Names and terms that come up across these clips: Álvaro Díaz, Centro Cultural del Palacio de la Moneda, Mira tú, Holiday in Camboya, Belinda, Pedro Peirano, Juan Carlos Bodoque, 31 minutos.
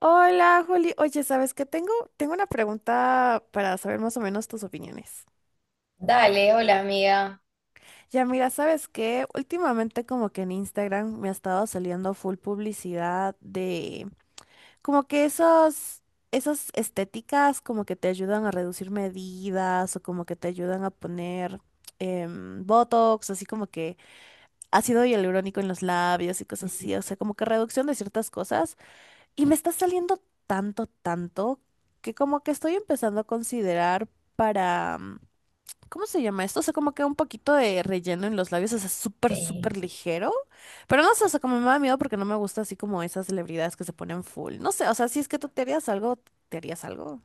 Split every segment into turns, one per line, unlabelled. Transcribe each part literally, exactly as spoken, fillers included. Hola, Juli. Oye, ¿sabes qué? Tengo, tengo una pregunta para saber más o menos tus opiniones.
Dale, hola amiga.
Ya, mira, ¿sabes qué? Últimamente como que en Instagram me ha estado saliendo full publicidad de como que esos, esas estéticas como que te ayudan a reducir medidas o como que te ayudan a poner em, Botox, así como que ácido hialurónico en los labios y cosas así. O sea, como que reducción de ciertas cosas. Y me está saliendo tanto, tanto, que como que estoy empezando a considerar para... mm, ¿cómo se llama esto? O sea, como que un poquito de relleno en los labios, o sea, súper,
Eh,
súper ligero. Pero no sé, o sea, como me da miedo porque no me gusta así como esas celebridades que se ponen full. No sé, o sea, si es que tú te harías algo, te harías algo.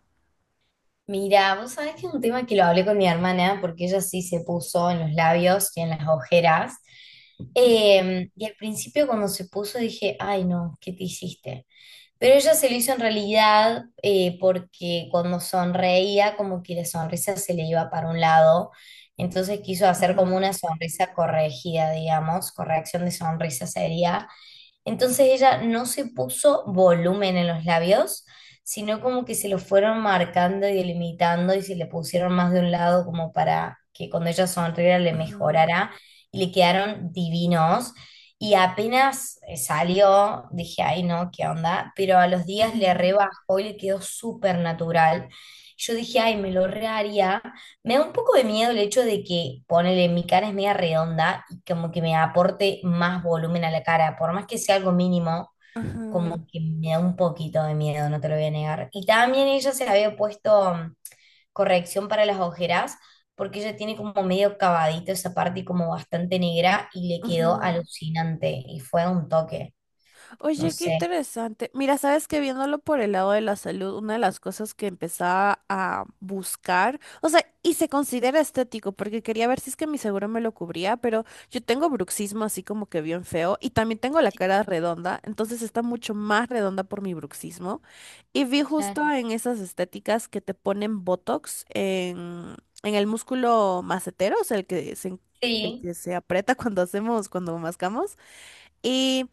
mira, vos sabés que es un tema que lo hablé con mi hermana porque ella sí se puso en los labios y en las ojeras.
Ujú.
Eh, y al principio cuando se puso dije, ay no, ¿qué te hiciste? Pero ella se lo hizo en realidad eh, porque cuando sonreía como que la sonrisa se le iba para un lado. Entonces quiso hacer como una
Ajá,
sonrisa corregida, digamos, corrección de sonrisa sería. Entonces ella no se puso volumen en los labios, sino como que se los fueron marcando y delimitando y se le pusieron más de un lado como para que cuando ella sonriera le
ajá,
mejorara y le quedaron divinos. Y apenas eh, salió, dije, ay no, ¿qué onda? Pero a los días le rebajó y le quedó súper natural. Yo dije, ay, me lo reharía. Me da un poco de miedo el hecho de que, ponele, mi cara es media redonda y como que me aporte más volumen a la cara, por más que sea algo mínimo,
ajá,
como que me da un poquito de miedo, no te lo voy a negar. Y también ella se había puesto mm, corrección para las ojeras, porque ella tiene como medio cavadito esa parte y como bastante negra y le
ajá.
quedó alucinante y fue un toque, no
Oye, qué
sé.
interesante. Mira, sabes que viéndolo por el lado de la salud, una de las cosas que empezaba a buscar, o sea, y se considera estético, porque quería ver si es que mi seguro me lo cubría, pero yo tengo bruxismo así como que bien feo, y también tengo la cara redonda, entonces está mucho más redonda por mi bruxismo. Y vi
Claro.
justo en esas estéticas que te ponen Botox en, en el músculo macetero, o sea, el que se, el
Sí,
que se aprieta cuando hacemos, cuando mascamos. Y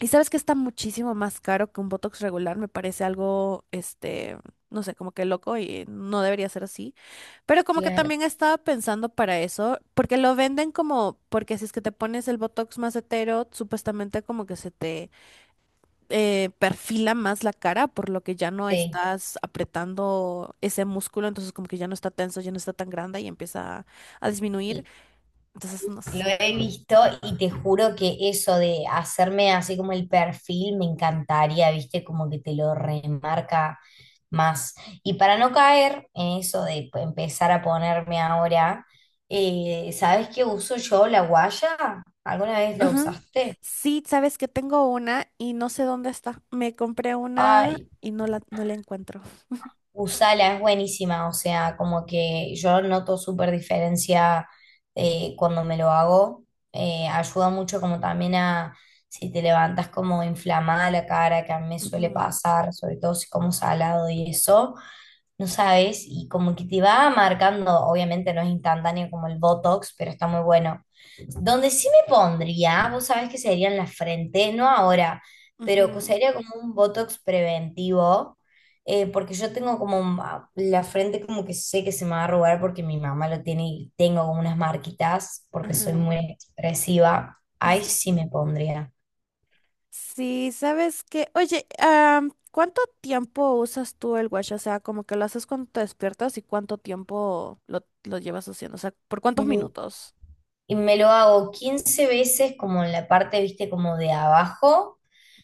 y sabes que está muchísimo más caro que un Botox regular, me parece algo, este, no sé, como que loco y no debería ser así. Pero como que
claro.
también estaba pensando para eso, porque lo venden como, porque si es que te pones el Botox más hetero, supuestamente como que se te eh, perfila más la cara, por lo que ya no
Sí.
estás apretando ese músculo, entonces como que ya no está tenso, ya no está tan grande y empieza a disminuir. Entonces, no
Lo
sé.
he visto y te juro que eso de hacerme así como el perfil me encantaría, ¿viste? Como que te lo remarca más. Y para no caer en eso de p- empezar a ponerme ahora, eh, ¿sabes qué uso yo? La guaya. ¿Alguna vez la
Ajá.
usaste?
Sí, sabes que tengo una y no sé dónde está. Me compré una
Ay,
y no la, no la encuentro.
usala es buenísima, o sea, como que yo noto súper diferencia eh, cuando me lo hago. Eh, ayuda mucho como también a si te levantas como inflamada la cara, que a mí me suele
Ujú,
pasar, sobre todo si como salado y eso no sabes, y como que te va marcando, obviamente no es instantáneo como el Botox, pero está muy bueno. Donde sí me pondría, vos sabés que sería en la frente, no ahora, pero que
ujú,
sería como un Botox preventivo, eh, porque yo tengo como un- ah, la frente como que sé que se me va a arrugar porque mi mamá lo tiene y tengo como unas marquitas, porque soy
ajá.
muy expresiva. Ahí sí
Sí,
me pondría.
sí, sabes que, oye, am, ¿cuánto tiempo usas tú el watch? O sea, como que lo haces cuando te despiertas y cuánto tiempo lo, lo llevas haciendo. O sea, ¿por cuántos
Mm,
minutos?
Y me lo hago quince veces como en la parte, viste, como de abajo.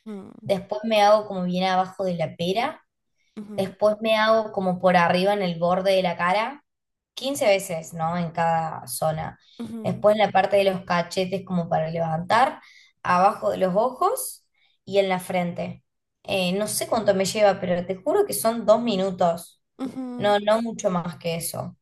Ujú,
Después me hago como bien abajo de la pera,
ujú,
después me hago como por arriba en el borde de la cara, quince veces, ¿no? En cada zona.
ujú,
Después en la parte de los cachetes como para levantar, abajo de los ojos y en la frente. Eh, no sé cuánto me lleva, pero te juro que son dos minutos,
ujú.
no, no mucho más que eso.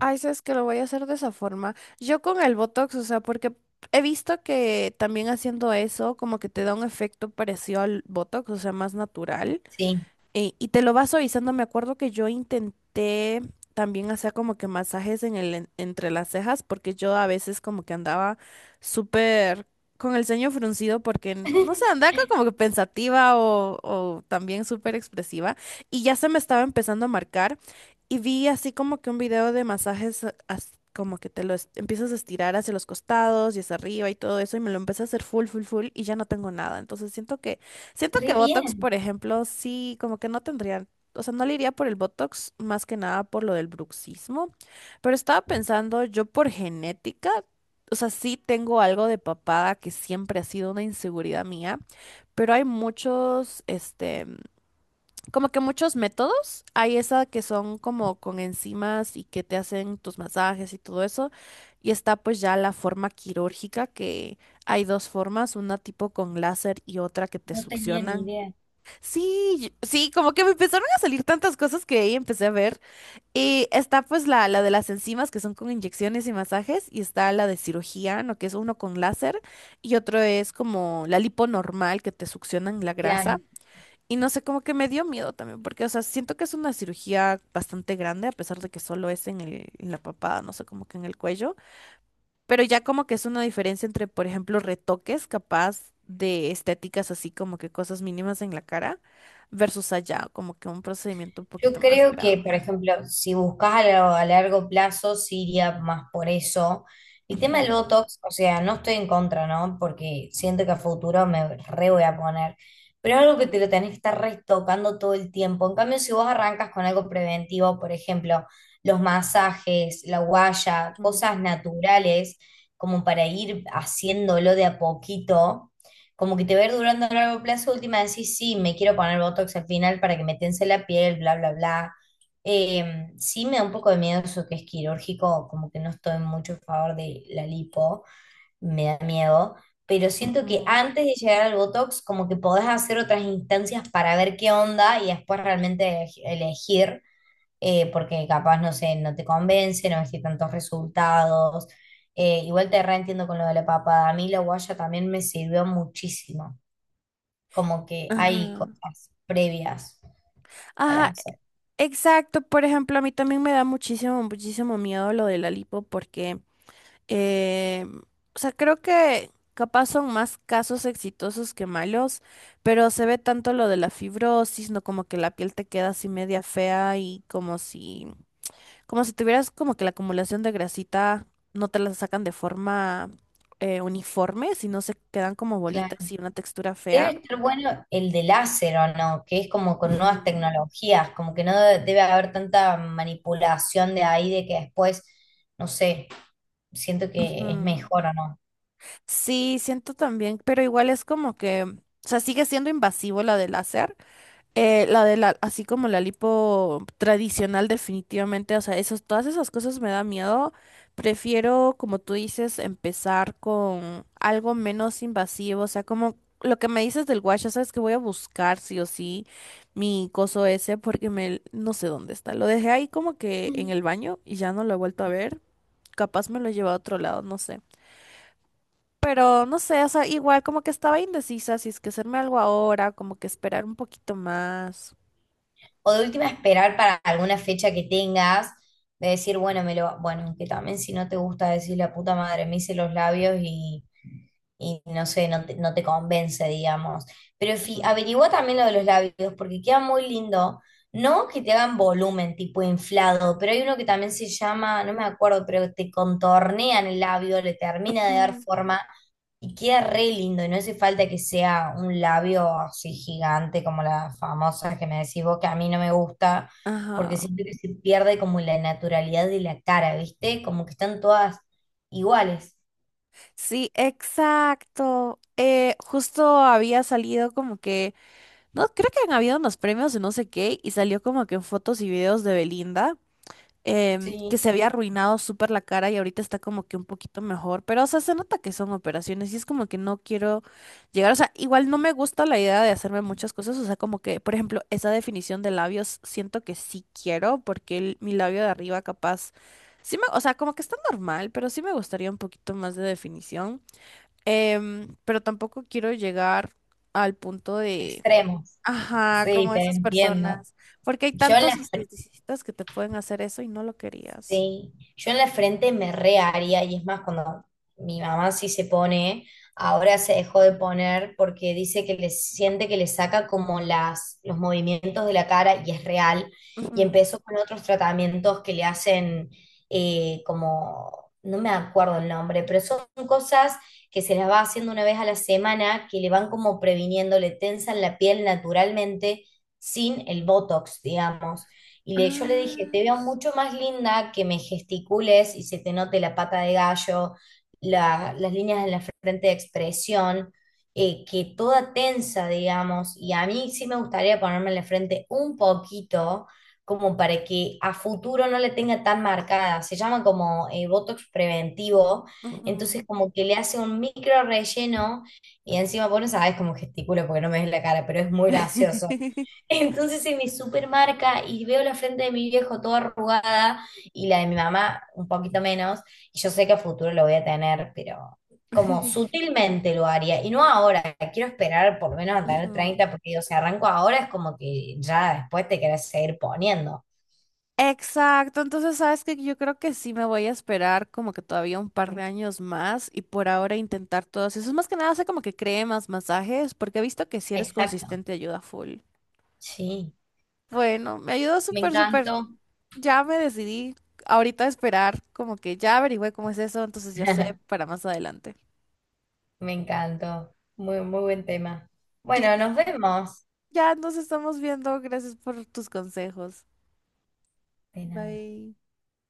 Ay, sabes que lo voy a hacer de esa forma. Yo con el Botox, o sea, porque he visto que también haciendo eso como que te da un efecto parecido al Botox, o sea, más natural.
Sí.
Eh, y te lo vas suavizando. Me acuerdo que yo intenté también hacer como que masajes en el, en- entre las cejas, porque yo a veces como que andaba súper con el ceño fruncido, porque no sé, andaba co- como que pensativa o, o también súper expresiva. Y ya se me estaba empezando a marcar. Y vi así como que un video de masajes, a- as- como que te lo es- empiezas a estirar hacia los costados y hacia arriba y todo eso. Y me lo empecé a hacer full, full, full. Y ya no tengo nada. Entonces siento que. Siento
Re
que Botox,
bien,
por ejemplo, sí, como que no tendrían, o sea, no le iría por el Botox más que nada por lo del bruxismo, pero estaba pensando yo por genética, o sea, sí tengo algo de papada que siempre ha sido una inseguridad mía, pero hay muchos, este, como que muchos métodos, hay esa que son como con enzimas y que te hacen tus masajes y todo eso, y está pues ya la forma quirúrgica que hay dos formas, una tipo con láser y otra que te
no tenía ni
succionan.
idea.
Sí, yo- sí, como que me empezaron a salir tantas cosas que ahí empecé a ver. Y está pues la, la de las enzimas que son con inyecciones y masajes, y está la de cirugía, ¿no? Que es uno con láser, y otro es como la lipo normal que te succionan la grasa.
Claro.
Y no sé, como que me dio miedo también, porque, o sea, siento que es una cirugía bastante grande, a pesar de que solo es en el- en la papada, no sé, como que en el cuello. Pero ya como que es una diferencia entre, por ejemplo, retoques capaz de estéticas así como que cosas mínimas en la cara versus allá, como que un procedimiento un
Yo
poquito más
creo que, por
grande.
ejemplo, si buscas a, lo- a largo plazo, sí iría más por eso. El tema del
Ujú,
Botox, o sea, no estoy en contra, ¿no? Porque siento que a futuro me re voy a poner. Pero es algo que te lo tenés que estar retocando todo el tiempo. En cambio, si vos arrancas con algo preventivo, por ejemplo, los masajes, la guaya,
mm,
cosas naturales, como para ir haciéndolo de a poquito como que te va a ir durando a largo plazo, última decís, sí, sí, me quiero poner Botox al final para que me tense la piel, bla, bla, bla. Eh, sí me da un poco de miedo eso que es quirúrgico, como que no estoy mucho a favor de la lipo, me da miedo, pero siento que
ujú,
antes de llegar al Botox, como que podés hacer otras instancias para ver qué onda y después realmente elegi- elegir, eh, porque capaz, no sé, no te convence, no ves que tantos resultados. Eh, igual te reentiendo con lo de la papada. A mí la guaya también me sirvió muchísimo como que hay
ajá.
cosas previas para
Ajá,
hacer.
exacto. Por ejemplo, a mí también me da muchísimo, muchísimo miedo lo de la lipo porque Eh, o sea, creo que capaz son más casos exitosos que malos, pero se ve tanto lo de la fibrosis, ¿no? Como que la piel te queda así media fea y como si, como si tuvieras como que la acumulación de grasita no te la sacan de forma eh, uniforme, sino se quedan como
Claro.
bolitas y una textura
Debe
fea.
estar bueno el de láser o no, que es como con
Ujú,
nuevas tecnologías, como que no de- debe haber tanta manipulación de ahí de que después, no sé, siento que es
ujú.
mejor o no.
Sí, siento también, pero igual es como que, o sea, sigue siendo invasivo la del láser. Eh, la de la, así como la lipo tradicional, definitivamente, o sea, esos, todas esas cosas me da miedo. Prefiero, como tú dices, empezar con algo menos invasivo, o sea, como lo que me dices del wash, ya sabes que voy a buscar sí o sí mi coso ese porque me, no sé dónde está. Lo dejé ahí como que en
Mm.
el baño y ya no lo he vuelto a ver. Capaz me lo he llevado a otro lado, no sé. Pero no sé, o sea, igual como que estaba indecisa si es que hacerme algo ahora, como que esperar un poquito más.
O de última esperar para alguna fecha que tengas, de decir, bueno, me lo, bueno, que también si no te gusta decir la puta madre, me hice los labios y y no sé, no te, no te convence, digamos. Pero fi- averigua también lo de los labios, porque queda muy lindo. No que te hagan volumen tipo inflado, pero hay uno que también se llama, no me acuerdo, pero te contornean el labio, le termina de dar
Mm.
forma y queda re lindo. Y no hace falta que sea un labio así gigante como las famosas que me decís vos, que a mí no me gusta,
Ajá.
porque siento que se pierde como la naturalidad de la cara, ¿viste? Como que están todas iguales.
Sí, exacto. Eh, justo había salido como que, no, creo que han habido unos premios de no sé qué y salió como que en fotos y videos de Belinda. Em, que
Sí.
se había arruinado súper la cara y ahorita está como que un poquito mejor, pero o sea, se nota que son operaciones y es como que no quiero llegar, o sea, igual no me gusta la idea de hacerme muchas cosas, o sea, como que, por ejemplo, esa definición de labios siento que sí quiero porque el- mi labio de arriba capaz, sí me, o sea, como que está normal, pero sí me gustaría un poquito más de definición. Em, pero tampoco quiero llegar al punto de
Extremos.
ajá,
Sí,
como
te
esas
entiendo.
personas. Porque hay
Yo en
tantos
la,
esteticistas que te pueden hacer eso y no lo querías.
Sí, yo en la frente me re haría y es más cuando mi mamá sí se pone, ahora se dejó de poner porque dice que le siente que le saca como las, los movimientos de la cara y es real y
Ujú,
empezó con otros tratamientos que le hacen eh, como, no me acuerdo el nombre, pero son cosas que se las va haciendo una vez a la semana que le van como previniendo, le tensan la piel naturalmente sin el Botox, digamos. Y le, yo le dije, te
ah,
veo
s-
mucho más linda que me gesticules y se te note la pata de gallo, la- las líneas en la frente de expresión, eh, que toda tensa, digamos. Y a mí sí me gustaría ponerme en la frente un poquito, como para que a futuro no le tenga tan marcada. Se llama como eh, Botox preventivo. Entonces
ujú.
como que le hace un micro relleno y encima, vos no sabés cómo gesticulo porque no me ves la cara, pero es muy gracioso. Entonces se me supermarca y veo la frente de mi viejo toda arrugada y la de mi mamá un poquito menos. Y yo sé que a futuro lo voy a tener, pero como sutilmente lo haría. Y no ahora, quiero esperar por lo menos a tener
Ujú.
treinta porque digo, si arranco ahora es como que ya después te querés seguir poniendo.
Exacto, entonces sabes que yo creo que sí me voy a esperar como que todavía un par de años más y por ahora intentar todos esos. Más que nada, sé como que cree más masajes porque he visto que si eres
Exacto.
consistente ayuda full.
Sí,
Bueno, me ayudó
me
súper, súper.
encantó.
Ya me decidí ahorita a esperar, como que ya averigüé cómo es eso, entonces ya sé para más adelante.
Me encantó. Muy, muy buen tema. Bueno,
Clis,
nos vemos.
ya nos estamos viendo, gracias por tus consejos.
De nada.
Bye.